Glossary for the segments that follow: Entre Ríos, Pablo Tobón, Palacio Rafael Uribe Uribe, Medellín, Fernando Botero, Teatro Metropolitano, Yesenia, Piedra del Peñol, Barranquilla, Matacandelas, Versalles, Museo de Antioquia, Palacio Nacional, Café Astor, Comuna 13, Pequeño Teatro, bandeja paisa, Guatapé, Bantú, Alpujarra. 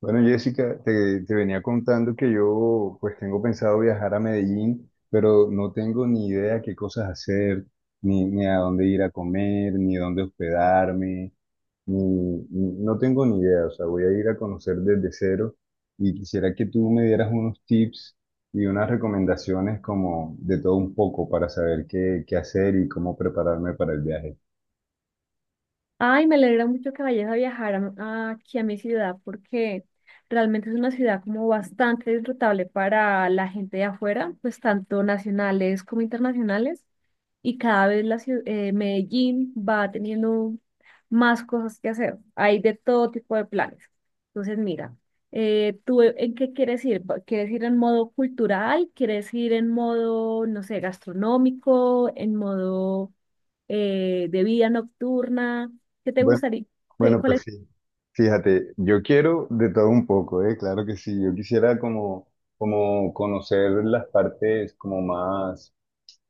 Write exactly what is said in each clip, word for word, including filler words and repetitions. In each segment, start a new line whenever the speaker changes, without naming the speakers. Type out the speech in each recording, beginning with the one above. Bueno, Jessica, te, te venía contando que yo pues tengo pensado viajar a Medellín, pero no tengo ni idea qué cosas hacer, ni, ni a dónde ir a comer, ni dónde hospedarme, ni, ni- no tengo ni idea, o sea, voy a ir a conocer desde cero y quisiera que tú me dieras unos tips y unas recomendaciones como de todo un poco para saber qué, qué hacer y cómo prepararme para el viaje.
Ay, me alegra mucho que vayas a viajar a- a- aquí a mi ciudad porque realmente es una ciudad como bastante disfrutable para la gente de afuera, pues tanto nacionales como internacionales. Y cada vez la ciu- eh, Medellín va teniendo más cosas que hacer. Hay de todo tipo de planes. Entonces, mira, eh, ¿tú e- en qué quieres ir? ¿Va- ¿Quieres ir en modo cultural? ¿Quieres ir en modo, no sé, gastronómico? ¿En modo eh, de vida nocturna? ¿Qué te
Bueno,
gustaría? ¿Qué-
Bueno,
Cuál
pues
es?
sí, fíjate, yo quiero de todo un poco, ¿eh? Claro que sí, yo quisiera como, como conocer las partes como más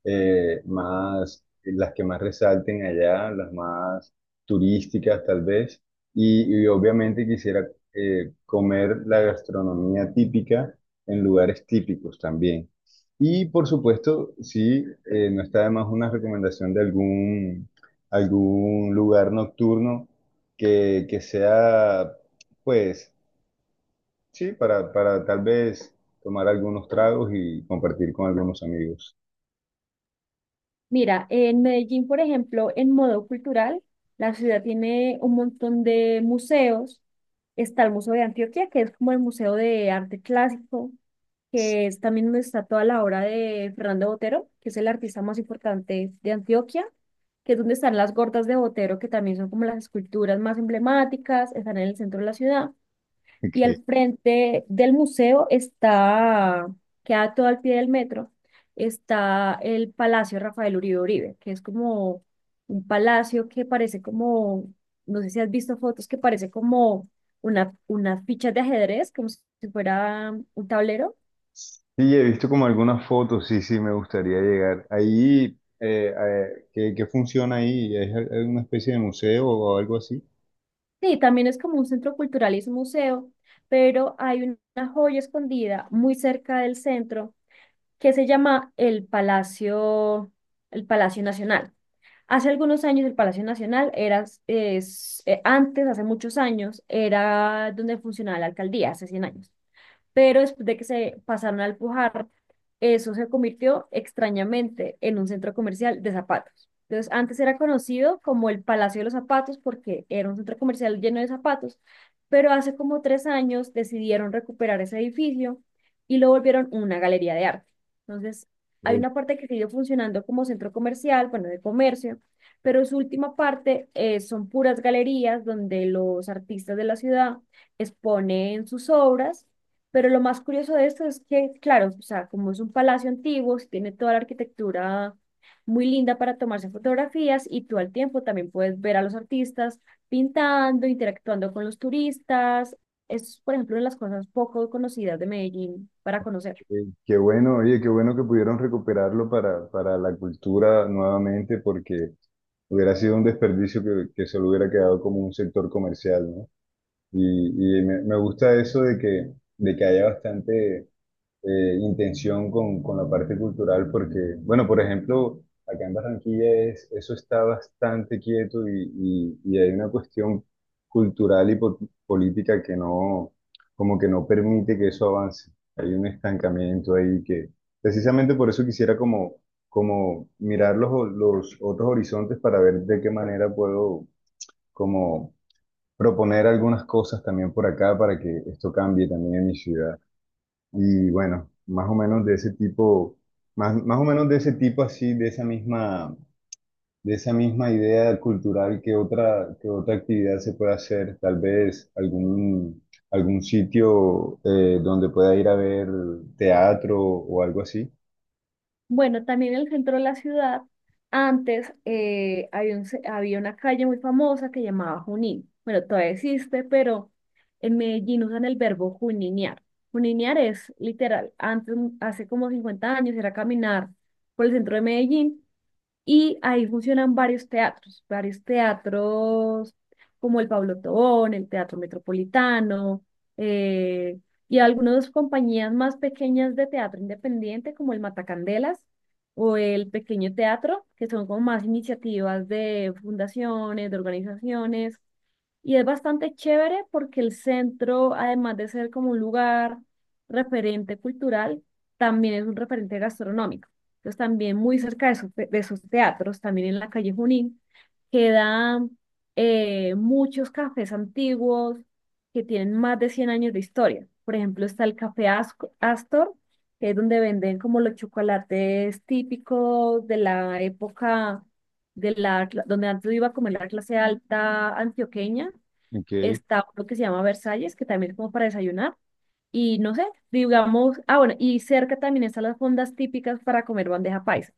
eh, más, las que más resalten allá, las más turísticas tal vez, y, y obviamente quisiera eh, comer la gastronomía típica en lugares típicos también. Y por supuesto, sí, eh, no está de más una recomendación de algún, algún lugar nocturno que, que sea, pues, sí, para, para tal vez tomar algunos tragos y compartir con algunos amigos.
Mira, en Medellín, por ejemplo, en modo cultural, la ciudad tiene un montón de museos. Está el Museo de Antioquia, que es como el Museo de Arte Clásico, que es también donde está toda la obra de Fernando Botero, que es el artista más importante de Antioquia, que es donde están las gordas de Botero, que también son como las esculturas más emblemáticas, están en el centro de la ciudad. Y al frente del museo está, queda todo al pie del metro, está el Palacio Rafael Uribe Uribe, que es como un palacio que parece como, no sé si has visto fotos, que parece como una, unas fichas de ajedrez, como si fuera un tablero.
Sí, he visto como algunas fotos, sí, sí, me gustaría llegar. Ahí, eh, eh, ¿qué, qué funciona ahí? ¿Es alguna especie de museo o algo así?
Sí, también es como un centro cultural y es un museo, pero hay una joya escondida muy cerca del centro que se llama el Palacio, el Palacio Nacional. Hace algunos años el Palacio Nacional era, es, eh, antes, hace muchos años, era donde funcionaba la alcaldía, hace cien años, pero después de que se pasaron a Pujar, eso se convirtió extrañamente en un centro comercial de zapatos. Entonces, antes era conocido como el Palacio de los Zapatos porque era un centro comercial lleno de zapatos, pero hace como tres años decidieron recuperar ese edificio y lo volvieron una galería de arte. Entonces, hay
Pero,
una parte que sigue funcionando como centro comercial, bueno, de comercio, pero su última parte eh, son puras galerías donde los artistas de la ciudad exponen sus obras, pero lo más curioso de esto es que, claro, o sea, como es un palacio antiguo, sí tiene toda la arquitectura muy linda para tomarse fotografías y tú al tiempo también puedes ver a los artistas pintando, interactuando con los turistas. Es, por ejemplo, una de las cosas poco conocidas de Medellín para conocer.
eh, qué bueno, oye, qué bueno que pudieron recuperarlo para, para la cultura nuevamente, porque hubiera sido un desperdicio que, que solo hubiera quedado como un sector comercial, ¿no? Y, y me, me gusta eso de que, de que haya bastante eh, intención con, con la parte cultural, porque, bueno, por ejemplo, acá en Barranquilla es, eso está bastante quieto y, y- y hay una cuestión cultural y po- política que no, como que no permite que eso avance. Hay un estancamiento ahí que, precisamente por eso quisiera como, como mirar los, los otros horizontes para ver de qué manera puedo como proponer algunas cosas también por acá para que esto cambie también en mi ciudad. Y bueno, más o menos de ese tipo, más, más o menos de ese tipo así, de esa misma, de esa misma idea cultural, ¿que otra, que otra actividad se puede hacer? Tal vez algún, algún sitio eh, donde pueda ir a ver teatro o algo así.
Bueno, también en el centro de la ciudad, antes eh, había, un ce- había una calle muy famosa que llamaba Junín. Bueno, todavía existe, pero en Medellín usan el verbo juninear. Juninear es literal, antes, hace como cincuenta años era caminar por el centro de Medellín y ahí funcionan varios teatros, varios teatros como el Pablo Tobón, el Teatro Metropolitano, eh, y algunas compañías más pequeñas de teatro independiente como el Matacandelas o el Pequeño Teatro, que son como más iniciativas de fundaciones, de organizaciones. Y es bastante chévere porque el centro, además de ser como un lugar referente cultural, también es un referente gastronómico. Entonces también muy cerca de, esos te- de esos teatros, también en la calle Junín, quedan eh, muchos cafés antiguos que tienen más de cien años de historia. Por ejemplo, está el Café Asco- Astor, que es donde venden como los chocolates típicos de la época de la, cla- donde antes iba a comer la clase alta antioqueña.
Ok.
Está lo que se llama Versalles, que también es como para desayunar. Y no sé, digamos, ah, bueno, y cerca también están las fondas típicas para comer bandeja paisa.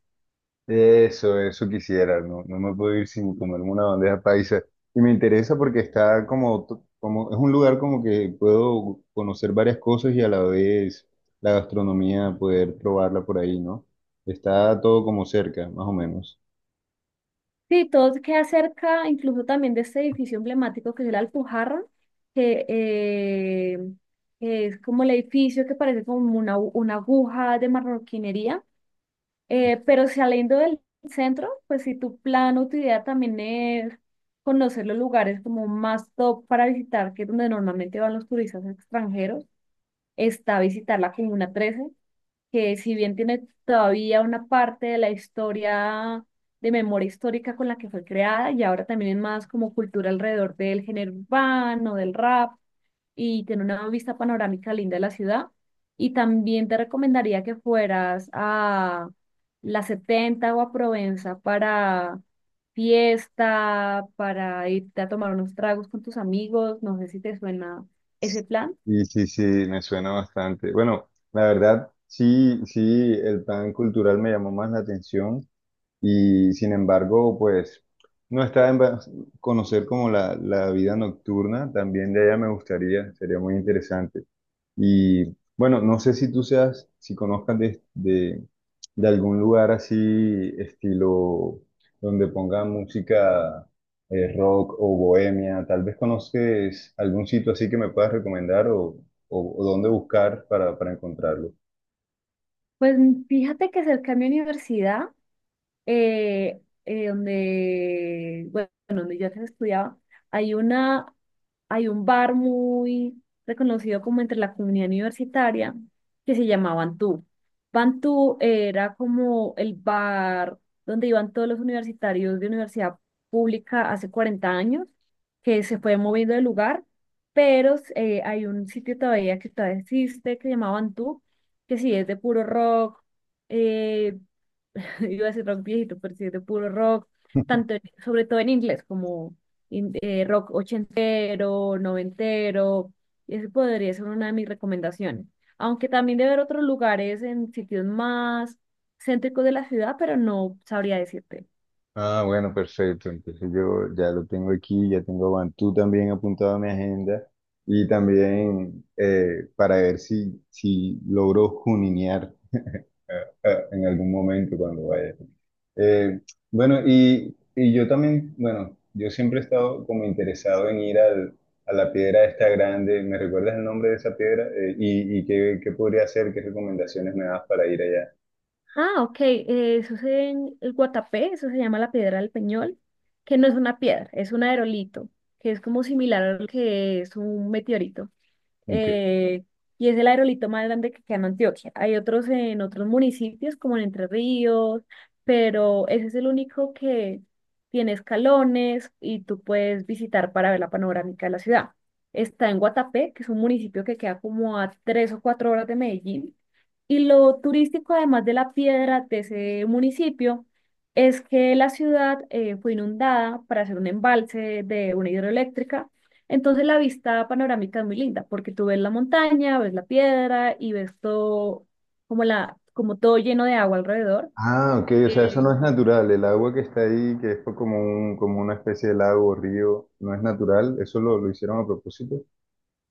Eso, eso quisiera, no, no me puedo ir sin comerme una bandeja paisa. Y me interesa porque está como, to- como, es un lugar como que puedo conocer varias cosas y a la vez la gastronomía poder probarla por ahí, ¿no? Está todo como cerca, más o menos.
Sí, todo queda cerca, incluso también de este edificio emblemático que es el Alpujarra, que eh, es como el edificio que parece como una, una aguja de marroquinería, eh, pero saliendo del centro, pues si tu plan o tu idea también es conocer los lugares como más top para visitar, que es donde normalmente van los turistas extranjeros, está visitar la Comuna trece, que si bien tiene todavía una parte de la historia de memoria histórica con la que fue creada, y ahora también es más como cultura alrededor del género urbano, del rap, y tiene una vista panorámica linda de la ciudad. Y también te recomendaría que fueras a la setenta o a Provenza para fiesta, para irte a tomar unos tragos con tus amigos, no sé si te suena ese plan.
Y sí, sí, me suena bastante. Bueno, la verdad, sí, sí, el pan cultural me llamó más la atención. Y sin embargo, pues no está en va- conocer como la, la vida nocturna, también de ella me gustaría, sería muy interesante. Y bueno, no sé si tú seas, si conozcas de, de, de algún lugar así, estilo, donde ponga música eh, rock o bohemia, tal vez conoces algún sitio así que me puedas recomendar o, o, o dónde buscar para, para encontrarlo.
Pues fíjate que cerca de mi universidad eh, eh, donde, bueno, donde yo antes estudiaba, hay una, hay un bar muy reconocido como entre la comunidad universitaria que se llamaba Bantú. Bantú era como el bar donde iban todos los universitarios de universidad pública hace cuarenta años, que se fue moviendo de lugar, pero eh, hay un sitio todavía que todavía existe que se llamaba Bantú, que sí es de puro rock, eh, iba a decir rock viejito, pero sí, de puro rock, tanto en- sobre todo en inglés, como in- eh, rock ochentero, noventero, y ese podría ser una de mis recomendaciones. Aunque también debe haber otros lugares en sitios más céntricos de la ciudad, pero no sabría decirte.
Ah, bueno, perfecto. Entonces yo ya lo tengo aquí, ya tengo a Bantú también apuntado a mi agenda y también eh, para ver si, si logro juninear eh, eh, en algún momento cuando vaya. Eh, bueno, y, y yo también, bueno, yo siempre he estado como interesado en ir al, a la piedra esta grande. ¿Me recuerdas el nombre de esa piedra? Eh, y, y qué, qué podría hacer, ¿qué recomendaciones me das para ir allá?
Ah, ok, eh, eso es en el Guatapé, eso se llama la Piedra del Peñol, que no es una piedra, es un aerolito, que es como similar a lo que es un meteorito.
Ok.
eh, y es el aerolito más grande que queda en Antioquia. Hay otros en otros municipios, como en Entre Ríos, pero ese es el único que tiene escalones y tú puedes visitar para ver la panorámica de la ciudad. Está en Guatapé, que es un municipio que queda como a tres o cuatro horas de Medellín. Y lo turístico, además de la piedra de ese municipio, es que la ciudad eh, fue inundada para hacer un embalse de una hidroeléctrica, entonces la vista panorámica es muy linda porque tú ves la montaña, ves la piedra y ves todo como la, como todo lleno de agua alrededor.
Ah, ok, o sea, eso
Eh,
no es natural. El agua que está ahí, que es como un, como una especie de lago o río, no es natural. Eso lo, lo hicieron a propósito.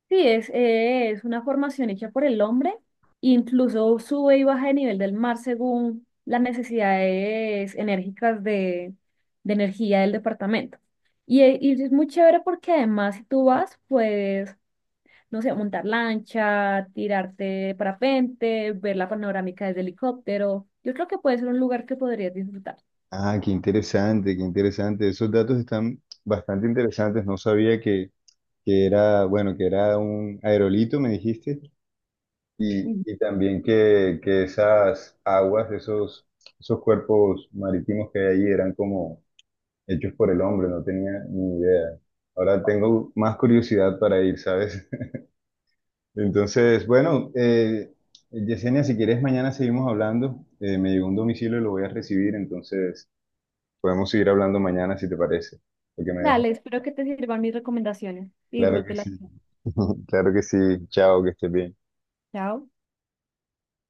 sí, es, eh, es una formación hecha por el hombre, incluso sube y baja de nivel del mar según las necesidades enérgicas de, de energía del departamento. Y, eh, y es muy chévere porque además si tú vas, pues no sé, montar lancha, tirarte de parapente, ver la panorámica desde helicóptero. Yo creo que puede ser un lugar que podrías disfrutar.
Ah, qué interesante, qué interesante. Esos datos están bastante interesantes. No sabía que, que era, bueno, que era un aerolito, me dijiste. Y,
Ujú.
y también que, que esas aguas, esos, esos cuerpos marítimos que hay ahí eran como hechos por el hombre, no tenía ni idea. Ahora tengo más curiosidad para ir, ¿sabes? Entonces, bueno, eh, Yesenia, si quieres, mañana seguimos hablando. Eh, me llegó un domicilio y lo voy a recibir, entonces podemos seguir hablando mañana si te parece. Porque me dejó.
Dale, espero que te sirvan mis recomendaciones y
Claro que
disfrútelas.
sí. Claro que sí. Chao, que estés bien.
Chao.